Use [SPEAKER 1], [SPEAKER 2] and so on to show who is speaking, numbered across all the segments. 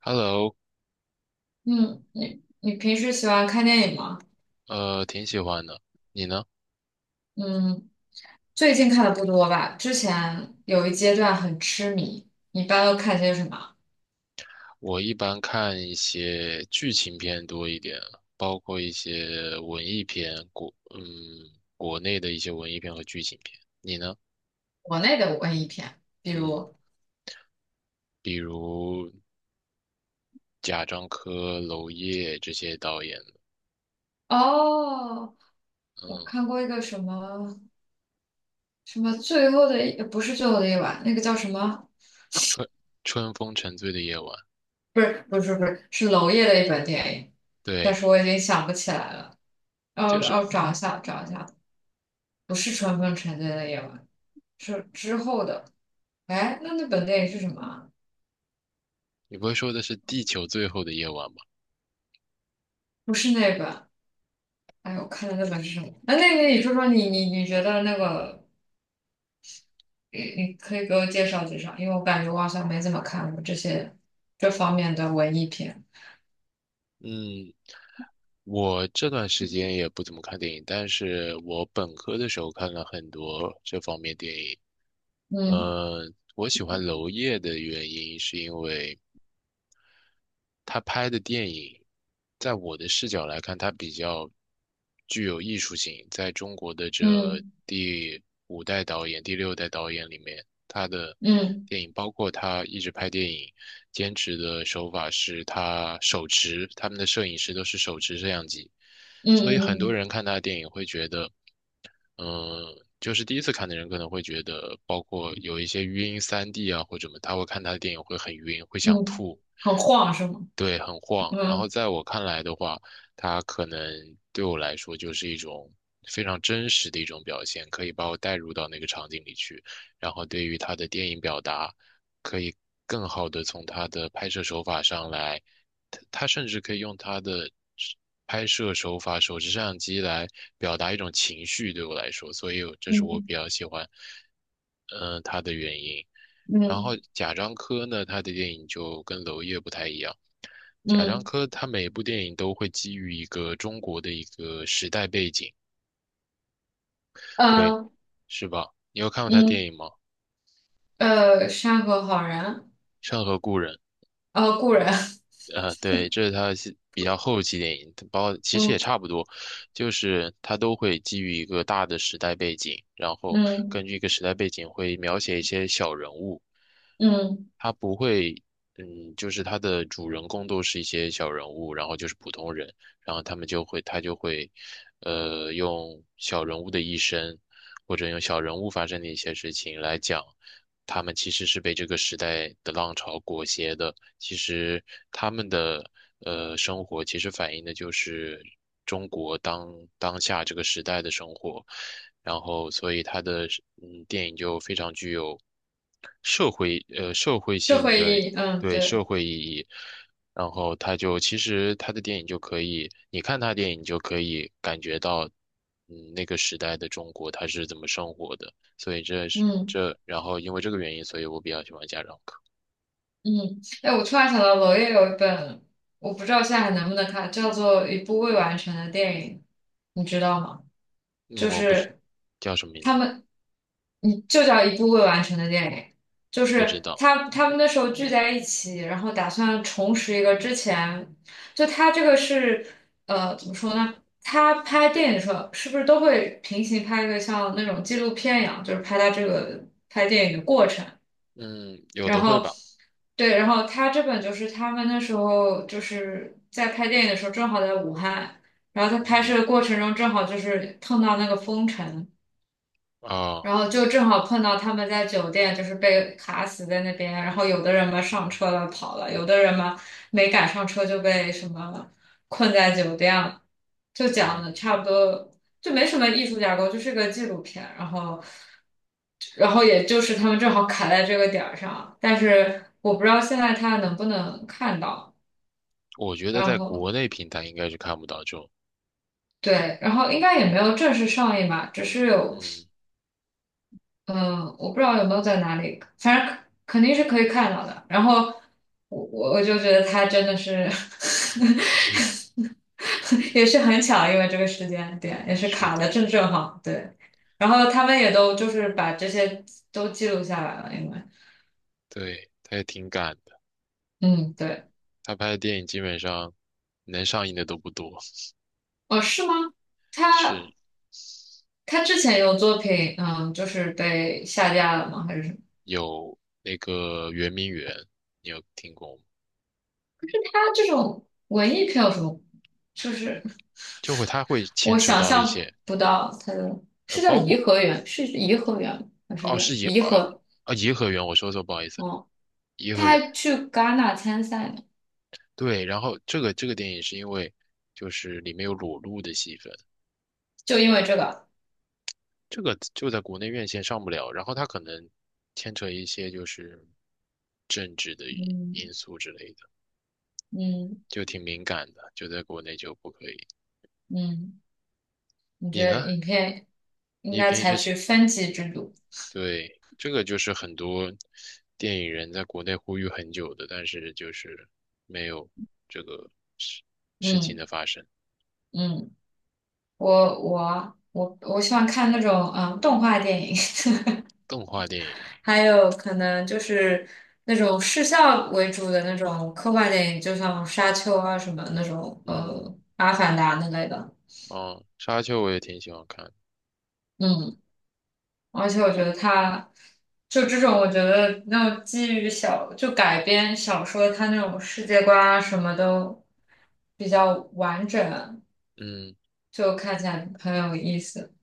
[SPEAKER 1] Hello，
[SPEAKER 2] 嗯，你平时喜欢看电影吗？
[SPEAKER 1] 挺喜欢的。你呢？
[SPEAKER 2] 嗯，最近看的不多吧，之前有一阶段很痴迷。你一般都看些什么？
[SPEAKER 1] 我一般看一些剧情片多一点，包括一些文艺片，国内的一些文艺片和剧情片。你呢？
[SPEAKER 2] 国内的文艺片，比
[SPEAKER 1] 嗯，
[SPEAKER 2] 如。
[SPEAKER 1] 比如贾樟柯、娄烨这些导演的，
[SPEAKER 2] 哦，我
[SPEAKER 1] 嗯，
[SPEAKER 2] 看过一个什么什么最后的一，不是最后的一晚，那个叫什么？
[SPEAKER 1] 春春风沉醉的夜晚，
[SPEAKER 2] 不是不是不是，是娄烨的一本电影，但
[SPEAKER 1] 对，
[SPEAKER 2] 是我已经想不起来了。哦
[SPEAKER 1] 就是
[SPEAKER 2] 哦，找一下找一下。不是《春风沉醉的夜晚》，是之后的。哎，那本电影是什么啊？
[SPEAKER 1] 你不会说的是地球最后的夜晚吧？
[SPEAKER 2] 不是那本。哎呦，我看的那本是什么？那那个你说说你觉得那个，你可以给我介绍介绍，因为我感觉我好像没怎么看过这方面的文艺片。
[SPEAKER 1] 嗯，我这段时间也不怎么看电影，但是我本科的时候看了很多这方面电影。
[SPEAKER 2] 嗯
[SPEAKER 1] 我喜欢娄烨的原因是因为他拍的电影，在我的视角来看，他比较具有艺术性。在中国的这
[SPEAKER 2] 嗯
[SPEAKER 1] 第五代导演、第六代导演里面，他的
[SPEAKER 2] 嗯
[SPEAKER 1] 电影，包括他一直拍电影，坚持的手法是他手持，他们的摄影师都是手持摄像机，
[SPEAKER 2] 嗯
[SPEAKER 1] 所以很多
[SPEAKER 2] 嗯
[SPEAKER 1] 人看他的电影会觉得，嗯。就是第一次看的人可能会觉得，包括有一些晕3D 啊或者什么，他会看他的电影会很晕，会
[SPEAKER 2] 嗯
[SPEAKER 1] 想
[SPEAKER 2] 嗯，
[SPEAKER 1] 吐。
[SPEAKER 2] 很晃是吗？
[SPEAKER 1] 对，很晃。然后
[SPEAKER 2] 嗯
[SPEAKER 1] 在我看来的话，它可能对我来说就是一种非常真实的一种表现，可以把我带入到那个场景里去。然后对于他的电影表达，可以更好的从他的拍摄手法上来，他它甚至可以用他的拍摄手法、手持摄像机来表达一种情绪。对我来说，所以这是我
[SPEAKER 2] 嗯
[SPEAKER 1] 比较喜欢，嗯、他的原因。然后
[SPEAKER 2] 嗯
[SPEAKER 1] 贾樟柯呢，他的电影就跟娄烨不太一样。贾樟
[SPEAKER 2] 嗯
[SPEAKER 1] 柯他每部电影都会基于一个中国的一个时代背景，对，
[SPEAKER 2] 呃
[SPEAKER 1] 是吧？你有看过他电
[SPEAKER 2] 嗯，
[SPEAKER 1] 影吗？
[SPEAKER 2] 山河好人，
[SPEAKER 1] 《山河故人》
[SPEAKER 2] 故人。
[SPEAKER 1] 对，这是他是比较后期电影，包括其实也
[SPEAKER 2] 嗯
[SPEAKER 1] 差不多，就是他都会基于一个大的时代背景，然后
[SPEAKER 2] 嗯
[SPEAKER 1] 根据一个时代背景会描写一些小人物，
[SPEAKER 2] 嗯，
[SPEAKER 1] 他不会，就是他的主人公都是一些小人物，然后就是普通人，然后他们就会，他就会，用小人物的一生，或者用小人物发生的一些事情来讲。他们其实是被这个时代的浪潮裹挟的。其实他们的生活，其实反映的就是中国当下这个时代的生活。然后，所以他的电影就非常具有社会呃社会
[SPEAKER 2] 社
[SPEAKER 1] 性
[SPEAKER 2] 会
[SPEAKER 1] 的。
[SPEAKER 2] 意义，嗯
[SPEAKER 1] 对，社
[SPEAKER 2] 对。
[SPEAKER 1] 会意义。然后他就其实他的电影就可以，你看他电影你就可以感觉到，那个时代的中国他是怎么生活的。所以这是
[SPEAKER 2] 嗯
[SPEAKER 1] 这，然后因为这个原因，所以我比较喜欢家长课。
[SPEAKER 2] 嗯，哎，我突然想到娄烨有一本，我不知道现在还能不能看，叫做《一部未完成的电影》，你知道吗？
[SPEAKER 1] 嗯，
[SPEAKER 2] 就
[SPEAKER 1] 我不知。
[SPEAKER 2] 是
[SPEAKER 1] 叫什么名字
[SPEAKER 2] 他
[SPEAKER 1] 呢？
[SPEAKER 2] 们，你就叫一部未完成的电影，就
[SPEAKER 1] 不知
[SPEAKER 2] 是
[SPEAKER 1] 道。
[SPEAKER 2] 他们那时候聚在一起，然后打算重拾一个之前。就他这个是怎么说呢？他拍电影的时候是不是都会平行拍一个像那种纪录片一样，就是拍他这个拍电影的过程？
[SPEAKER 1] 嗯，有
[SPEAKER 2] 然
[SPEAKER 1] 的会
[SPEAKER 2] 后，
[SPEAKER 1] 吧。
[SPEAKER 2] 对，然后他这本就是他们那时候就是在拍电影的时候，正好在武汉，然后在拍
[SPEAKER 1] 嗯
[SPEAKER 2] 摄的过程中正好就是碰到那个封城，
[SPEAKER 1] 啊，
[SPEAKER 2] 然后就正好碰到他们在酒店，就是被卡死在那边。然后有的人嘛上车了跑了，有的人嘛没赶上车就被什么困在酒店了。就讲的
[SPEAKER 1] 嗯，
[SPEAKER 2] 差不多，就没什么艺术架构，就是个纪录片。然后，然后也就是他们正好卡在这个点儿上，但是我不知道现在他能不能看到。
[SPEAKER 1] 我觉得
[SPEAKER 2] 然
[SPEAKER 1] 在
[SPEAKER 2] 后
[SPEAKER 1] 国内平台应该是看不到这种。
[SPEAKER 2] 对，然后应该也没有正式上映吧，只是有。
[SPEAKER 1] 嗯，
[SPEAKER 2] 嗯，我不知道有没有在哪里，反正肯定是可以看到的。然后我就觉得他真的是。
[SPEAKER 1] 是
[SPEAKER 2] 也是很巧，因为这个时间点也是
[SPEAKER 1] 是
[SPEAKER 2] 卡的
[SPEAKER 1] 的，
[SPEAKER 2] 正好，对。然后他们也都就是把这些都记录下来了，因为
[SPEAKER 1] 对，他也挺赶的。
[SPEAKER 2] 嗯，对。
[SPEAKER 1] 他拍的电影基本上能上映的都不多。
[SPEAKER 2] 哦，是吗？
[SPEAKER 1] 是
[SPEAKER 2] 他他之前有作品，嗯，就是被下架了吗？还是什么？
[SPEAKER 1] 有那个圆明园，你有听过吗？
[SPEAKER 2] 他这种文艺票有什么？就是。
[SPEAKER 1] 就会他会牵
[SPEAKER 2] 我
[SPEAKER 1] 扯
[SPEAKER 2] 想
[SPEAKER 1] 到一些
[SPEAKER 2] 象不到它的，是叫
[SPEAKER 1] 包
[SPEAKER 2] 颐
[SPEAKER 1] 括
[SPEAKER 2] 和园，是颐和园还是
[SPEAKER 1] 哦，是
[SPEAKER 2] 园？
[SPEAKER 1] 颐
[SPEAKER 2] 颐
[SPEAKER 1] 呃
[SPEAKER 2] 和。
[SPEAKER 1] 颐和园，我说错，不好意思。
[SPEAKER 2] 哦，
[SPEAKER 1] 颐
[SPEAKER 2] 他
[SPEAKER 1] 和园，
[SPEAKER 2] 还去戛纳参赛呢，
[SPEAKER 1] 对，然后这个电影是因为就是里面有裸露的戏份，
[SPEAKER 2] 就因为这个。
[SPEAKER 1] 这个就在国内院线上不了，然后它可能牵扯一些就是政治的因
[SPEAKER 2] 嗯
[SPEAKER 1] 因素之类的，
[SPEAKER 2] 嗯
[SPEAKER 1] 就挺敏感的，就在国内就不可以。
[SPEAKER 2] 嗯，你觉
[SPEAKER 1] 你
[SPEAKER 2] 得
[SPEAKER 1] 呢？
[SPEAKER 2] 影片应
[SPEAKER 1] 你
[SPEAKER 2] 该
[SPEAKER 1] 平
[SPEAKER 2] 采
[SPEAKER 1] 时
[SPEAKER 2] 取
[SPEAKER 1] 喜
[SPEAKER 2] 分级制度？
[SPEAKER 1] 对，这个就是很多电影人在国内呼吁很久的，但是就是没有这个事事情的
[SPEAKER 2] 嗯
[SPEAKER 1] 发生。
[SPEAKER 2] 嗯，我喜欢看那种嗯动画电影。
[SPEAKER 1] 动画电影，
[SPEAKER 2] 还有可能就是那种视效为主的那种科幻电影，就像《沙丘》啊什么那种，
[SPEAKER 1] 嗯，
[SPEAKER 2] 阿凡达》那类的，
[SPEAKER 1] 哦，沙丘我也挺喜欢看的。
[SPEAKER 2] 嗯。而且我觉得他就这种，我觉得那种基于小就改编小说，他那种世界观啊什么都比较完整，
[SPEAKER 1] 嗯，
[SPEAKER 2] 就看起来很有意思。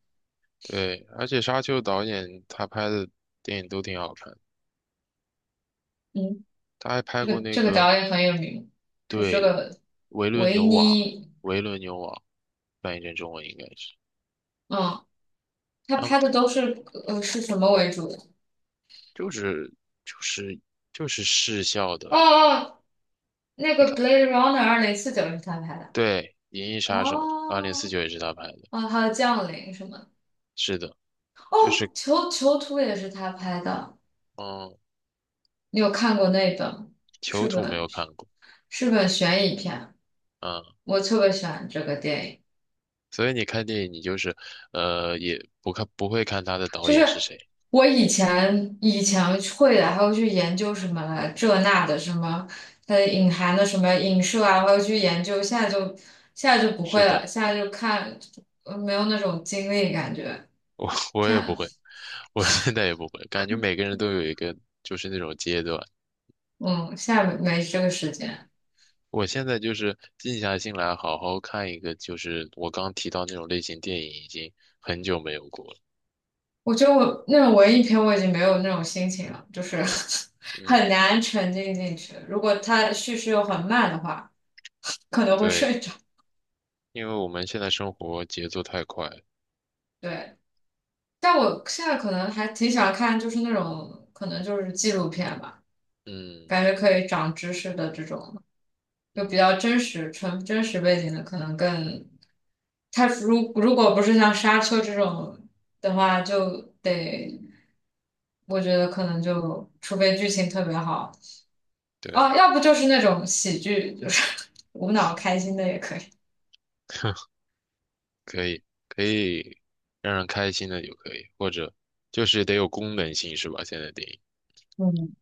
[SPEAKER 1] 对，而且沙丘导演他拍的电影都挺好看，
[SPEAKER 2] 嗯，
[SPEAKER 1] 他还拍
[SPEAKER 2] 这
[SPEAKER 1] 过
[SPEAKER 2] 个
[SPEAKER 1] 那
[SPEAKER 2] 这个
[SPEAKER 1] 个。
[SPEAKER 2] 导演很有名，是这
[SPEAKER 1] 对
[SPEAKER 2] 个
[SPEAKER 1] 《维伦
[SPEAKER 2] 维
[SPEAKER 1] 纽瓦》，
[SPEAKER 2] 尼。
[SPEAKER 1] 《维伦纽瓦》翻译成中文应该是，
[SPEAKER 2] 嗯，他
[SPEAKER 1] 然后
[SPEAKER 2] 拍
[SPEAKER 1] 他
[SPEAKER 2] 的都是是什么为主的？
[SPEAKER 1] 就是就是就是视效的。
[SPEAKER 2] 哦哦，那
[SPEAKER 1] 你
[SPEAKER 2] 个
[SPEAKER 1] 看，
[SPEAKER 2] 《Blade Runner》2049是他拍的。
[SPEAKER 1] 对，《银翼杀手》二零四
[SPEAKER 2] 哦，
[SPEAKER 1] 九也是他拍的，
[SPEAKER 2] 哦，还有《降临》什么的。
[SPEAKER 1] 是的。就
[SPEAKER 2] 哦，
[SPEAKER 1] 是
[SPEAKER 2] 囚囚徒也是他拍的。
[SPEAKER 1] 嗯，
[SPEAKER 2] 你有看过那本？
[SPEAKER 1] 囚
[SPEAKER 2] 是
[SPEAKER 1] 徒没
[SPEAKER 2] 本
[SPEAKER 1] 有看过。
[SPEAKER 2] 悬疑片，
[SPEAKER 1] 嗯，
[SPEAKER 2] 我特别喜欢这个电影。
[SPEAKER 1] 所以你看电影你就是也不看不会看他的导
[SPEAKER 2] 就
[SPEAKER 1] 演是
[SPEAKER 2] 是
[SPEAKER 1] 谁，
[SPEAKER 2] 我以前会的，还会去研究什么这那的什么，它的隐含的什么影射啊，还会去研究。现在就不
[SPEAKER 1] 是
[SPEAKER 2] 会了，
[SPEAKER 1] 的。
[SPEAKER 2] 现在就看，没有那种精力感觉。
[SPEAKER 1] 我
[SPEAKER 2] 现
[SPEAKER 1] 也
[SPEAKER 2] 在
[SPEAKER 1] 不会，我现在也不会，感觉每个人都有一个就是那种阶段。
[SPEAKER 2] 嗯，现在没这个时间。
[SPEAKER 1] 我现在就是静下心来，好好看一个，就是我刚提到那种类型电影，已经很久没有过了。
[SPEAKER 2] 我觉得我那种文艺片我已经没有那种心情了，就是 很
[SPEAKER 1] 嗯，
[SPEAKER 2] 难沉浸进去。如果它叙事又很慢的话，可能会
[SPEAKER 1] 对，
[SPEAKER 2] 睡着。
[SPEAKER 1] 因为我们现在生活节奏太快了。
[SPEAKER 2] 对，但我现在可能还挺喜欢看，就是那种可能就是纪录片吧，
[SPEAKER 1] 嗯
[SPEAKER 2] 感觉可以长知识的这种，就
[SPEAKER 1] 嗯，
[SPEAKER 2] 比较真实、纯真实背景的，可能更。它如果不是像《沙丘》这种的话，就得我觉得可能就除非剧情特别好。
[SPEAKER 1] 对，
[SPEAKER 2] 哦，要不就是那种喜剧，就是 无脑开心的也可以。
[SPEAKER 1] 可以可以让人开心的就可以，或者就是得有功能性是吧？现在电影
[SPEAKER 2] 嗯，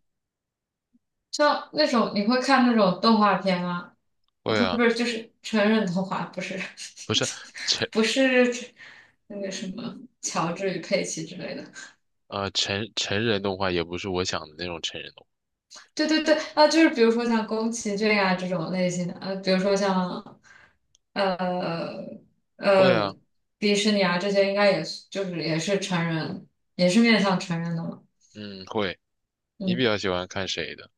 [SPEAKER 2] 像那种你会看那种动画片吗？
[SPEAKER 1] 会
[SPEAKER 2] 不是
[SPEAKER 1] 啊，
[SPEAKER 2] 不是，就是成人动画，不是
[SPEAKER 1] 不是成
[SPEAKER 2] 不是那个什么乔治与佩奇之类的。
[SPEAKER 1] 成人动画也不是我想的那种成人动
[SPEAKER 2] 对对对，啊，就是比如说像宫崎骏啊这种类型的，比如说像呃
[SPEAKER 1] 画。会
[SPEAKER 2] 呃
[SPEAKER 1] 啊，
[SPEAKER 2] 迪士尼啊这些，应该也是就是也是成人，也是面向成人的嘛。
[SPEAKER 1] 嗯，会。你比
[SPEAKER 2] 嗯
[SPEAKER 1] 较喜欢看谁的？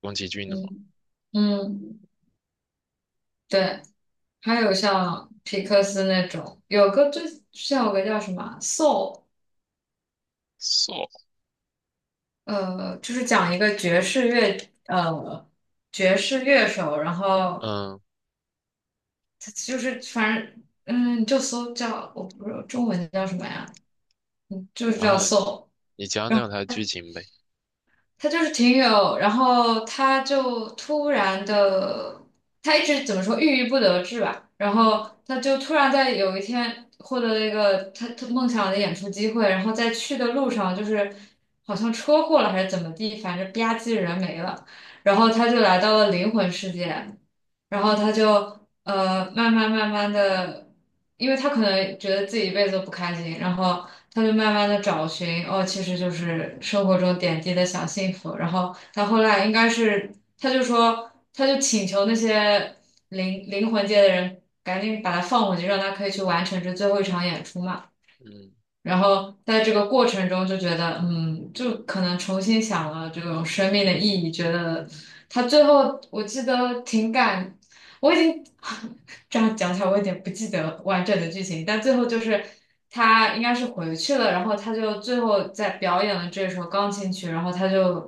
[SPEAKER 1] 宫崎骏的吗
[SPEAKER 2] 嗯嗯。对，还有像皮克斯那种，有个最像有个叫什么啊 Soul,
[SPEAKER 1] ？So，
[SPEAKER 2] 就是讲一个爵士乐，呃，爵士乐手，然后
[SPEAKER 1] 嗯，
[SPEAKER 2] 他就是反正就搜叫我不知道中文叫什么呀，嗯，就是
[SPEAKER 1] 然
[SPEAKER 2] 叫
[SPEAKER 1] 后呢，
[SPEAKER 2] Soul。
[SPEAKER 1] 你讲讲他的剧情呗。
[SPEAKER 2] 他就是挺有，然后他就突然的，他一直怎么说郁郁不得志吧，然后他就突然在有一天获得了一个他梦想的演出机会，然后在去的路上就是好像车祸了还是怎么地，反正吧唧人没了，然后他就来到了灵魂世界，然后他就慢慢慢慢的，因为他可能觉得自己一辈子都不开心，然后他就慢慢的找寻，哦，其实就是生活中点滴的小幸福。然后他后来应该是，他就说，他就请求那些灵魂界的人赶紧把他放回去，让他可以去完成这最后一场演出嘛。
[SPEAKER 1] 嗯
[SPEAKER 2] 然后在这个过程中就觉得，嗯，就可能重新想了这种生命的意义，觉得他最后我记得挺感，我已经 这样讲起来我有点不记得完整的剧情，但最后就是他应该是回去了，然后他就最后在表演了这首钢琴曲，然后他就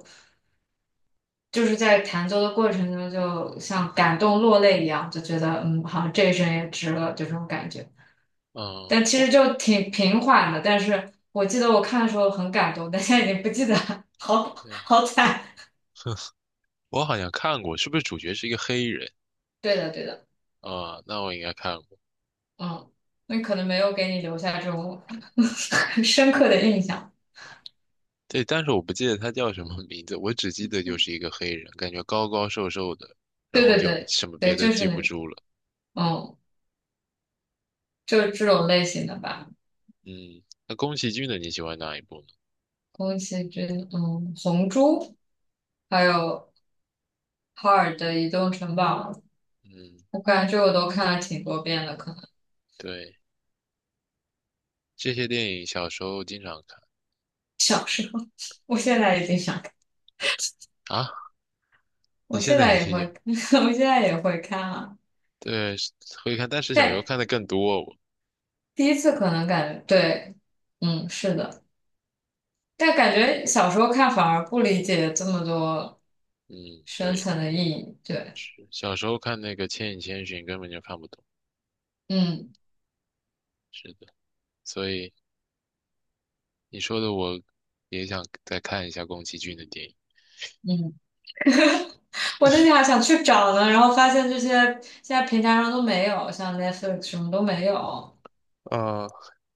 [SPEAKER 2] 就是在弹奏的过程中就像感动落泪一样，就觉得嗯，好像这一生也值了，就这种感觉。
[SPEAKER 1] 嗯，
[SPEAKER 2] 但其实就挺平缓的。但是我记得我看的时候很感动，但现在已经不记得了。好
[SPEAKER 1] 对
[SPEAKER 2] 好惨。
[SPEAKER 1] 我好像看过，是不是主角是一个黑人？
[SPEAKER 2] 对的，对的。
[SPEAKER 1] 啊，那我应该看过。
[SPEAKER 2] 嗯，那可能没有给你留下这种 很深刻的印象。
[SPEAKER 1] 对，但是我不记得他叫什么名字，我只记得就是一个黑人，感觉高高瘦瘦的，
[SPEAKER 2] 对
[SPEAKER 1] 然后
[SPEAKER 2] 对
[SPEAKER 1] 就
[SPEAKER 2] 对
[SPEAKER 1] 什么别
[SPEAKER 2] 对，
[SPEAKER 1] 的
[SPEAKER 2] 就是
[SPEAKER 1] 记
[SPEAKER 2] 那
[SPEAKER 1] 不
[SPEAKER 2] 个，
[SPEAKER 1] 住了。
[SPEAKER 2] 嗯，就是这种类型的吧。
[SPEAKER 1] 嗯，那宫崎骏的你喜欢哪一部呢？
[SPEAKER 2] 宫崎骏，嗯，《红猪》，还有哈尔的《移动城堡》，
[SPEAKER 1] 嗯，
[SPEAKER 2] 我感觉我都看了挺多遍了。可能
[SPEAKER 1] 对，这些电影小时候经常看。
[SPEAKER 2] 小时候。我现在已经想，看，
[SPEAKER 1] 啊，你
[SPEAKER 2] 我
[SPEAKER 1] 现
[SPEAKER 2] 现
[SPEAKER 1] 在
[SPEAKER 2] 在
[SPEAKER 1] 也
[SPEAKER 2] 也会。
[SPEAKER 1] 听。
[SPEAKER 2] 我现在也会看啊。
[SPEAKER 1] 对，会看，但是小时候
[SPEAKER 2] 但
[SPEAKER 1] 看的更多。
[SPEAKER 2] 第一次可能感，对，嗯，是的，但感觉小时候看反而不理解这么多
[SPEAKER 1] 嗯，
[SPEAKER 2] 深
[SPEAKER 1] 对，
[SPEAKER 2] 层的意义，对。
[SPEAKER 1] 是小时候看那个《千与千寻》根本就看不懂。
[SPEAKER 2] 嗯
[SPEAKER 1] 是的，所以你说的我也想再看一下宫崎骏的电影。
[SPEAKER 2] 嗯，我那天还想去找呢，然后发现这些现在平台上都没有，像 Netflix 什么都没有。
[SPEAKER 1] 啊，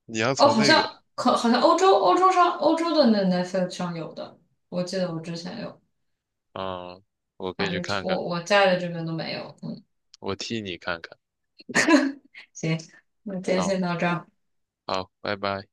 [SPEAKER 1] 你要
[SPEAKER 2] 哦，
[SPEAKER 1] 从
[SPEAKER 2] 好
[SPEAKER 1] 那个。
[SPEAKER 2] 像可好像欧洲欧洲上欧洲的那 Netflix 上有的，我记得我之前有，
[SPEAKER 1] 嗯，我可以
[SPEAKER 2] 反
[SPEAKER 1] 去
[SPEAKER 2] 正这
[SPEAKER 1] 看看，
[SPEAKER 2] 我在的这边都没有，嗯。
[SPEAKER 1] 我替你看看。
[SPEAKER 2] 行，那今天
[SPEAKER 1] 好，
[SPEAKER 2] 先到这儿。
[SPEAKER 1] 好，拜拜。